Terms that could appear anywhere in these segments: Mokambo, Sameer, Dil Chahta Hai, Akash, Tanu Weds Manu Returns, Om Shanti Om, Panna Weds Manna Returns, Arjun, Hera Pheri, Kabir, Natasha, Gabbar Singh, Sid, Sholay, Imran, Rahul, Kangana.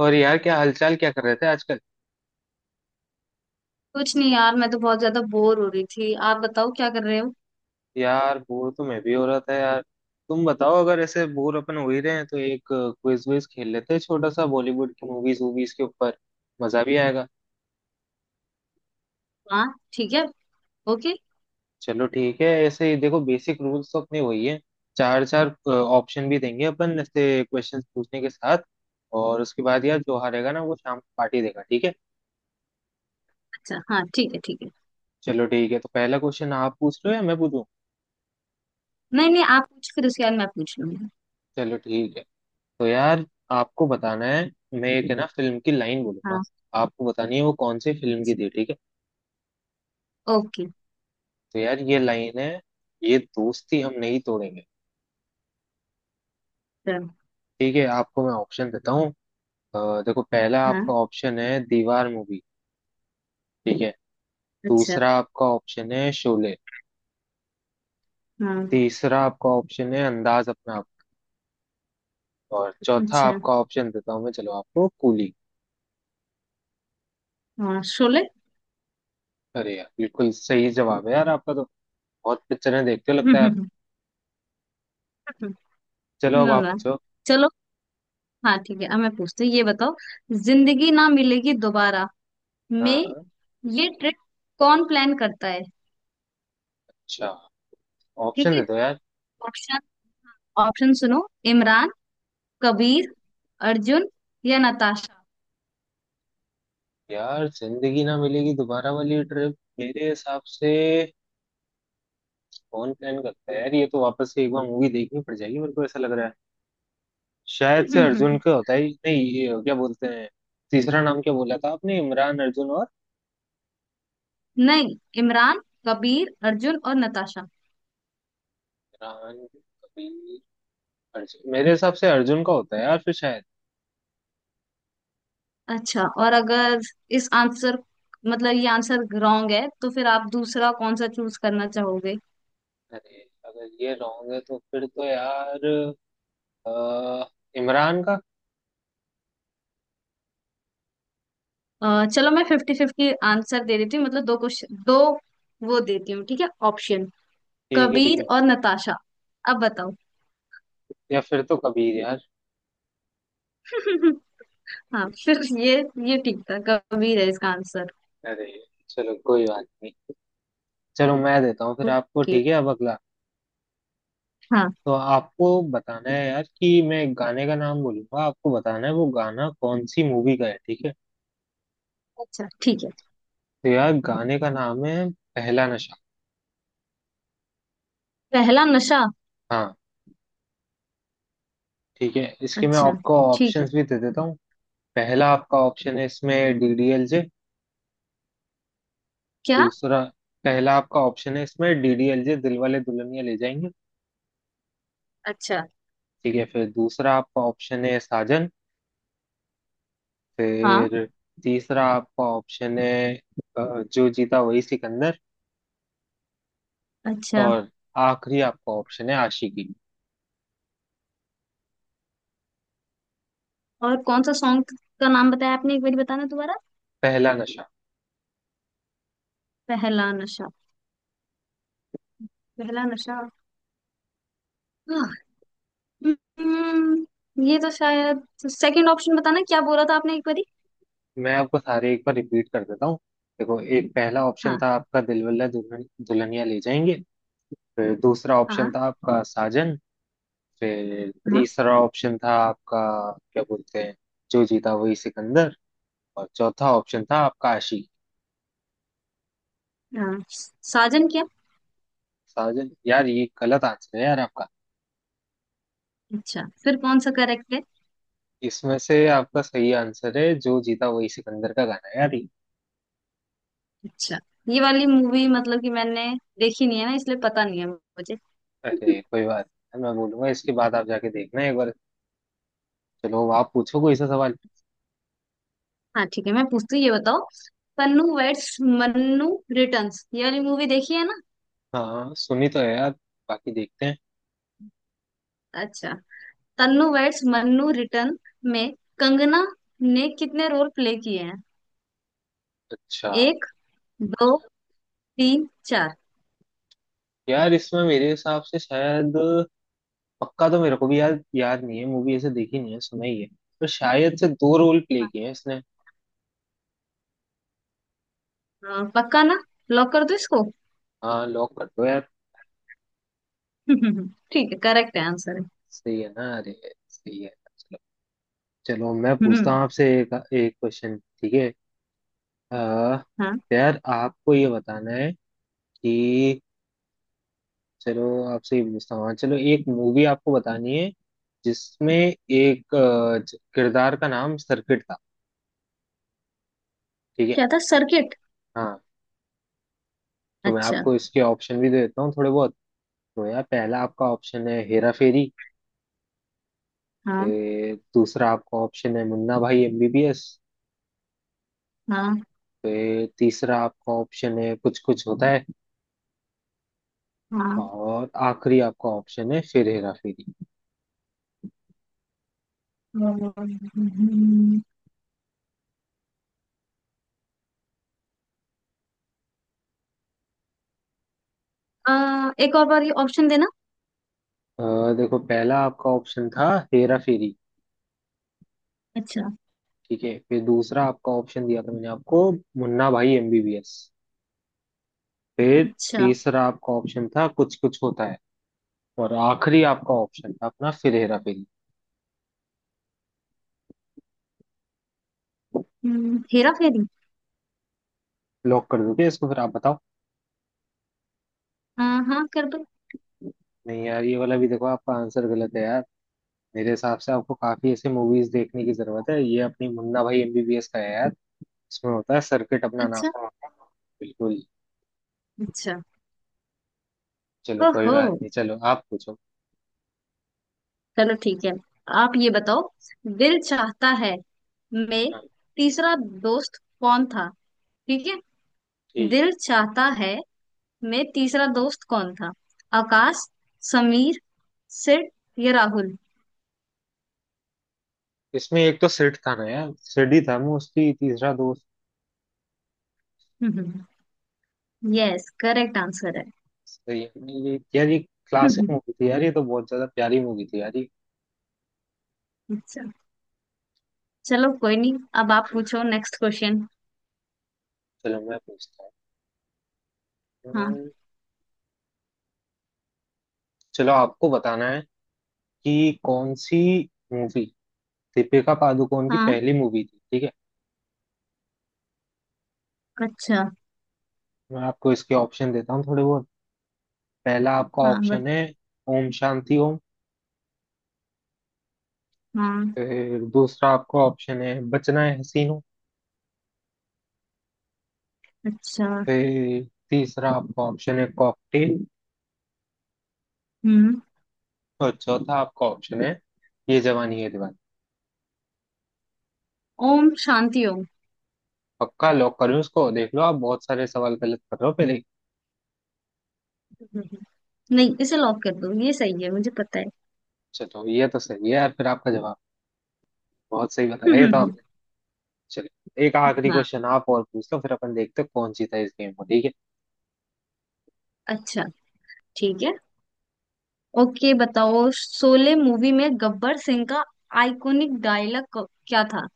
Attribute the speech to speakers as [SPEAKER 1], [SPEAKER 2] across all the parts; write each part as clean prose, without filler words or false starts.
[SPEAKER 1] और यार क्या हालचाल, क्या कर रहे थे आजकल?
[SPEAKER 2] कुछ नहीं यार, मैं तो बहुत ज्यादा बोर हो रही थी। आप बताओ क्या कर रहे हो।
[SPEAKER 1] यार बोर तो मैं भी हो रहा था यार। तुम बताओ, अगर ऐसे बोर अपन हो ही रहे हैं तो एक क्विज विज खेल लेते हैं छोटा सा, बॉलीवुड की मूवीज वूवीज के ऊपर। मजा भी आएगा।
[SPEAKER 2] हाँ। ठीक है। ओके।
[SPEAKER 1] चलो ठीक है, ऐसे ही देखो बेसिक रूल्स तो अपने वही है। चार चार ऑप्शन भी देंगे अपन ऐसे क्वेश्चन पूछने के साथ। और उसके बाद यार जो हारेगा ना वो शाम को पार्टी देगा, ठीक है।
[SPEAKER 2] अच्छा, हाँ ठीक है ठीक है।
[SPEAKER 1] चलो ठीक है, तो पहला क्वेश्चन आप पूछ रहे हो या मैं पूछूं?
[SPEAKER 2] नहीं नहीं, आप पूछ फिर उसके बाद मैं पूछ लूंगी।
[SPEAKER 1] चलो ठीक है। तो यार आपको बताना है, मैं एक है ना फिल्म की लाइन बोलूंगा।
[SPEAKER 2] हाँ।
[SPEAKER 1] आपको बतानी है वो कौन सी फिल्म की थी, ठीक है।
[SPEAKER 2] ओके।
[SPEAKER 1] तो यार ये लाइन है, ये दोस्ती हम नहीं तोड़ेंगे।
[SPEAKER 2] चलो।
[SPEAKER 1] ठीक है, आपको मैं ऑप्शन देता हूँ। अ, देखो पहला आपका
[SPEAKER 2] हाँ।
[SPEAKER 1] ऑप्शन है दीवार मूवी। ठीक है।
[SPEAKER 2] अच्छा।
[SPEAKER 1] दूसरा आपका ऑप्शन है शोले।
[SPEAKER 2] हाँ।
[SPEAKER 1] तीसरा आपका ऑप्शन है अंदाज अपना आप। और चौथा
[SPEAKER 2] अच्छा।
[SPEAKER 1] आपका ऑप्शन देता हूँ मैं, चलो, आपको कूली।
[SPEAKER 2] हाँ, शोले।
[SPEAKER 1] अरे यार बिल्कुल सही जवाब है यार आपका तो। बहुत पिक्चरें देखते हो लगता है आप। चलो अब
[SPEAKER 2] ना
[SPEAKER 1] आप
[SPEAKER 2] ना।
[SPEAKER 1] पूछो।
[SPEAKER 2] चलो। हाँ ठीक है, अब मैं पूछती हूँ, ये बताओ। जिंदगी ना मिलेगी दोबारा में
[SPEAKER 1] हाँ।
[SPEAKER 2] ये ट्रिप कौन प्लान करता है।
[SPEAKER 1] अच्छा,
[SPEAKER 2] ठीक
[SPEAKER 1] ऑप्शन
[SPEAKER 2] है।
[SPEAKER 1] दे दो यार।
[SPEAKER 2] ऑप्शन। ऑप्शन सुनो। इमरान, कबीर, अर्जुन या नताशा।
[SPEAKER 1] यार जिंदगी ना मिलेगी दोबारा वाली ट्रिप मेरे हिसाब से कौन प्लान करता है यार, ये तो वापस से एक बार मूवी देखनी पड़ जाएगी मेरे को ऐसा लग रहा है। शायद से अर्जुन का होता ही नहीं, ये क्या बोलते हैं। तीसरा नाम क्या बोला था आपने? इमरान, अर्जुन और
[SPEAKER 2] नहीं, इमरान कबीर अर्जुन और नताशा।
[SPEAKER 1] इमरान कबीर? अर्जुन, मेरे हिसाब से अर्जुन का होता है यार फिर शायद।
[SPEAKER 2] अच्छा, और अगर इस आंसर, मतलब ये आंसर रॉन्ग है, तो फिर आप दूसरा कौन सा चूज करना चाहोगे।
[SPEAKER 1] अरे अगर ये रॉन्ग है तो फिर तो यार अ, इमरान का।
[SPEAKER 2] चलो, मैं फिफ्टी फिफ्टी आंसर दे देती हूँ, मतलब दो क्वेश्चन दो वो देती हूँ, ठीक है ऑप्शन।
[SPEAKER 1] ठीक है ठीक
[SPEAKER 2] कबीर
[SPEAKER 1] है।
[SPEAKER 2] और नताशा। अब बताओ।
[SPEAKER 1] या फिर तो कबीर यार।
[SPEAKER 2] हाँ फिर ये ठीक था, कबीर है इसका आंसर।
[SPEAKER 1] अरे चलो कोई बात नहीं, चलो मैं देता हूँ फिर आपको,
[SPEAKER 2] ओके।
[SPEAKER 1] ठीक है, अब अगला।
[SPEAKER 2] हाँ।
[SPEAKER 1] तो आपको बताना है यार कि मैं एक गाने का नाम बोलूंगा, आपको बताना है वो गाना कौन सी मूवी का है, ठीक है।
[SPEAKER 2] अच्छा ठीक है।
[SPEAKER 1] तो यार गाने का नाम है पहला नशा।
[SPEAKER 2] पहला नशा।
[SPEAKER 1] हाँ, ठीक है, इसके मैं
[SPEAKER 2] अच्छा
[SPEAKER 1] आपको
[SPEAKER 2] ठीक है।
[SPEAKER 1] ऑप्शंस भी दे देता हूँ। पहला आपका ऑप्शन है इसमें डीडीएलजे।
[SPEAKER 2] क्या।
[SPEAKER 1] दूसरा, पहला आपका ऑप्शन है इसमें डीडीएलजे, दिल वाले दुल्हनिया ले जाएंगे।
[SPEAKER 2] अच्छा।
[SPEAKER 1] ठीक है, फिर दूसरा आपका ऑप्शन है साजन।
[SPEAKER 2] हाँ।
[SPEAKER 1] फिर तीसरा आपका ऑप्शन है जो जीता वही सिकंदर।
[SPEAKER 2] अच्छा।
[SPEAKER 1] और आखिरी आपका ऑप्शन है आशिकी।
[SPEAKER 2] और कौन सा सॉन्ग का नाम बताया आपने, एक बार बताना दोबारा।
[SPEAKER 1] पहला नशा।
[SPEAKER 2] पहला नशा। पहला नशा। हाँ। हम्म, ये तो शायद सेकंड ऑप्शन, बताना क्या बोला था आपने एक बारी।
[SPEAKER 1] मैं आपको सारे एक बार रिपीट कर देता हूँ। देखो एक पहला ऑप्शन था
[SPEAKER 2] हाँ
[SPEAKER 1] आपका दिलवाले दुल्हनिया ले जाएंगे। फिर दूसरा ऑप्शन
[SPEAKER 2] हाँ
[SPEAKER 1] था आपका साजन। फिर
[SPEAKER 2] हाँ
[SPEAKER 1] तीसरा ऑप्शन था आपका, क्या बोलते हैं, जो जीता वही सिकंदर। और चौथा ऑप्शन था आपका आशिक।
[SPEAKER 2] हाँ। साजन क्या।
[SPEAKER 1] साजन? यार ये गलत आंसर है यार आपका।
[SPEAKER 2] अच्छा, फिर कौन सा करेक्ट है।
[SPEAKER 1] इसमें से आपका सही आंसर है जो जीता वही सिकंदर का गाना है यार ये।
[SPEAKER 2] अच्छा, ये वाली मूवी मतलब कि मैंने देखी नहीं है ना, इसलिए पता नहीं है मुझे।
[SPEAKER 1] अरे कोई बात नहीं, मैं बोलूंगा इसके बाद आप जाके देखना एक बार। चलो आप पूछो कोई सा सवाल।
[SPEAKER 2] हाँ ठीक है, मैं पूछती हूँ ये बताओ। पन्नू वेड्स मन्नू रिटर्न्स, ये वाली मूवी देखी है ना।
[SPEAKER 1] हाँ, सुनी तो है यार, बाकी देखते हैं।
[SPEAKER 2] अच्छा। तन्नू वेड्स मन्नू रिटर्न में कंगना ने कितने रोल प्ले किए हैं।
[SPEAKER 1] अच्छा,
[SPEAKER 2] एक, दो, तीन, चार।
[SPEAKER 1] यार इसमें मेरे हिसाब से शायद पक्का तो मेरे को भी याद याद नहीं है, मूवी ऐसे देखी नहीं है, सुना ही है। पर शायद से दो रोल प्ले किए हैं इसने।
[SPEAKER 2] हाँ, पक्का ना। लॉक कर दो इसको।
[SPEAKER 1] हाँ लॉक कर दो यार।
[SPEAKER 2] ठीक है, करेक्ट है आंसर है।
[SPEAKER 1] सही है ना? अरे सही है। चलो, चलो मैं पूछता
[SPEAKER 2] हम्म,
[SPEAKER 1] हूँ आपसे एक एक क्वेश्चन, ठीक है। अह,
[SPEAKER 2] हाँ।
[SPEAKER 1] यार आपको ये बताना है कि चलो आपसे ये पूछता हूँ। हाँ, चलो एक मूवी आपको बतानी है जिसमें एक किरदार का नाम सर्किट था, ठीक है।
[SPEAKER 2] क्या था सर्किट।
[SPEAKER 1] हाँ, तो मैं
[SPEAKER 2] अच्छा।
[SPEAKER 1] आपको इसके ऑप्शन भी दे देता हूँ थोड़े बहुत। तो यार पहला आपका ऑप्शन है हेरा फेरी।
[SPEAKER 2] हाँ।
[SPEAKER 1] दूसरा आपका ऑप्शन है मुन्ना भाई एमबीबीएस।
[SPEAKER 2] हाँ।
[SPEAKER 1] तीसरा आपका ऑप्शन है कुछ कुछ होता है।
[SPEAKER 2] हाँ।
[SPEAKER 1] और आखिरी आपका ऑप्शन है फिर हेरा फेरी।
[SPEAKER 2] हम्म, एक और बार ये ऑप्शन देना।
[SPEAKER 1] अ, देखो पहला आपका ऑप्शन था हेरा फेरी।
[SPEAKER 2] अच्छा।
[SPEAKER 1] ठीक है, फिर दूसरा आपका ऑप्शन दिया था मैंने आपको मुन्ना भाई एमबीबीएस। फिर
[SPEAKER 2] अच्छा।
[SPEAKER 1] तीसरा आपका ऑप्शन था कुछ कुछ होता है। और आखिरी आपका ऑप्शन था अपना फिर हेरा फेरी।
[SPEAKER 2] हेरा फेरी।
[SPEAKER 1] लॉक कर दोगे इसको? फिर आप बताओ।
[SPEAKER 2] हाँ हाँ कर दो।
[SPEAKER 1] नहीं यार, ये वाला भी देखो आपका आंसर गलत है यार। मेरे हिसाब से आपको काफी ऐसी मूवीज देखने की जरूरत है, ये अपनी मुन्ना भाई एमबीबीएस का है यार। इसमें होता है सर्किट अपना नाम।
[SPEAKER 2] अच्छा।
[SPEAKER 1] बिल्कुल।
[SPEAKER 2] अच्छा।
[SPEAKER 1] चलो कोई
[SPEAKER 2] ओहो।
[SPEAKER 1] बात नहीं, चलो आप पूछो।
[SPEAKER 2] चलो ठीक है। आप ये बताओ, दिल चाहता है में
[SPEAKER 1] हाँ,
[SPEAKER 2] तीसरा दोस्त कौन था, ठीक है।
[SPEAKER 1] ठीक है।
[SPEAKER 2] दिल चाहता है में तीसरा दोस्त कौन था। आकाश, समीर, सिड या राहुल।
[SPEAKER 1] इसमें एक तो सेठ था ना यार, सेठ ही था, मैं उसकी तीसरा दोस्त।
[SPEAKER 2] यस, करेक्ट आंसर है।
[SPEAKER 1] सही है ये यार, ये क्लासिक
[SPEAKER 2] हम्म,
[SPEAKER 1] मूवी थी यार, ये तो बहुत ज्यादा प्यारी मूवी थी यार ये।
[SPEAKER 2] अच्छा। चलो कोई नहीं, अब आप पूछो नेक्स्ट क्वेश्चन।
[SPEAKER 1] चलो मैं पूछता हूँ।
[SPEAKER 2] हाँ।
[SPEAKER 1] हम्म, चलो आपको बताना है कि कौन सी मूवी दीपिका पादुकोण की
[SPEAKER 2] हाँ।
[SPEAKER 1] पहली मूवी थी, ठीक है।
[SPEAKER 2] अच्छा।
[SPEAKER 1] मैं आपको इसके ऑप्शन देता हूँ थोड़े बहुत। पहला आपका
[SPEAKER 2] हाँ
[SPEAKER 1] ऑप्शन है ओम शांति ओम।
[SPEAKER 2] हाँ।
[SPEAKER 1] फिर दूसरा आपका ऑप्शन है बचना है हसीनों।
[SPEAKER 2] अच्छा।
[SPEAKER 1] फिर तीसरा आपका ऑप्शन है कॉकटेल।
[SPEAKER 2] हम्म।
[SPEAKER 1] और चौथा आपका ऑप्शन है ये जवानी है दीवानी।
[SPEAKER 2] ओम शांति ओम।
[SPEAKER 1] पक्का लॉक करूँ इसको? देख लो, आप बहुत सारे सवाल गलत कर रहे हो पहले ही।
[SPEAKER 2] हम्म, नहीं, इसे लॉक कर दो, ये सही है मुझे पता
[SPEAKER 1] चलो ये तो सही है यार, फिर आपका जवाब बहुत सही बताया ये तो
[SPEAKER 2] है।
[SPEAKER 1] आपने। चलो एक आखिरी
[SPEAKER 2] हाँ
[SPEAKER 1] क्वेश्चन आप और पूछ लो, फिर अपन देखते हैं कौन जीता इस गेम को, ठीक है।
[SPEAKER 2] अच्छा ठीक है। ओके, बताओ, शोले मूवी में गब्बर सिंह का आइकॉनिक डायलॉग क्या था।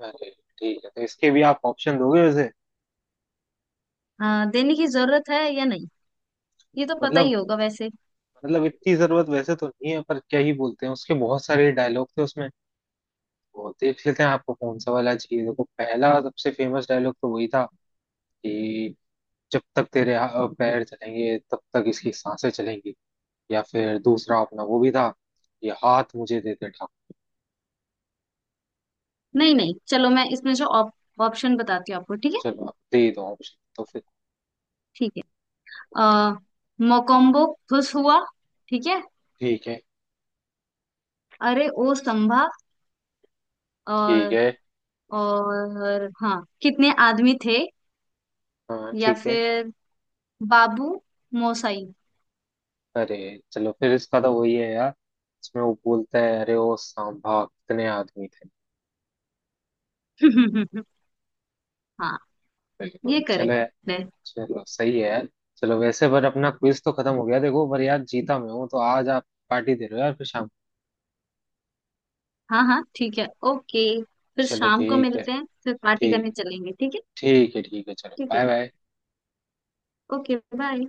[SPEAKER 1] अरे ठीक है, तो इसके भी आप ऑप्शन दोगे वैसे?
[SPEAKER 2] देने की जरूरत है या नहीं, ये तो पता
[SPEAKER 1] मतलब
[SPEAKER 2] ही होगा वैसे।
[SPEAKER 1] मतलब इतनी जरूरत वैसे तो नहीं है, पर क्या ही बोलते हैं, उसके बहुत सारे डायलॉग थे उसमें, बहुत ही अच्छे थे। आपको कौन सा वाला चाहिए? देखो, पहला सबसे फेमस डायलॉग तो वही था कि जब तक तेरे पैर चलेंगे तब तक इसकी सांसें चलेंगी। या फिर दूसरा अपना वो भी था, ये हाथ मुझे दे दे ठाकुर।
[SPEAKER 2] नहीं नहीं, चलो मैं इसमें से ऑप्शन बताती हूँ आपको, ठीक है।
[SPEAKER 1] चलो आप दे दो ऑप्शन तो फिर।
[SPEAKER 2] ठीक है। आ, मोकोम्बो खुश हुआ। ठीक है।
[SPEAKER 1] ठीक है
[SPEAKER 2] अरे ओ संभा।
[SPEAKER 1] ठीक
[SPEAKER 2] और।
[SPEAKER 1] है।
[SPEAKER 2] और हाँ, कितने आदमी थे।
[SPEAKER 1] हाँ
[SPEAKER 2] या
[SPEAKER 1] ठीक है।
[SPEAKER 2] फिर बाबू मोसाई।
[SPEAKER 1] अरे चलो, फिर इसका तो वही है यार, इसमें वो बोलता है अरे ओ सांभा, कितने आदमी थे।
[SPEAKER 2] हाँ, ये
[SPEAKER 1] बिल्कुल चलो।
[SPEAKER 2] करेक्ट है।
[SPEAKER 1] चलो सही है यार। चलो, वैसे पर अपना क्विज तो खत्म हो गया देखो, पर यार जीता मैं हूँ तो आज आप पार्टी दे रहे हो यार फिर शाम को।
[SPEAKER 2] हाँ हाँ ठीक है, ओके फिर
[SPEAKER 1] चलो
[SPEAKER 2] शाम को
[SPEAKER 1] ठीक है।
[SPEAKER 2] मिलते हैं, फिर पार्टी
[SPEAKER 1] ठीक,
[SPEAKER 2] करने चलेंगे, ठीक है।
[SPEAKER 1] ठीक है ठीक है, चलो
[SPEAKER 2] ठीक है,
[SPEAKER 1] बाय बाय।
[SPEAKER 2] Okay bye.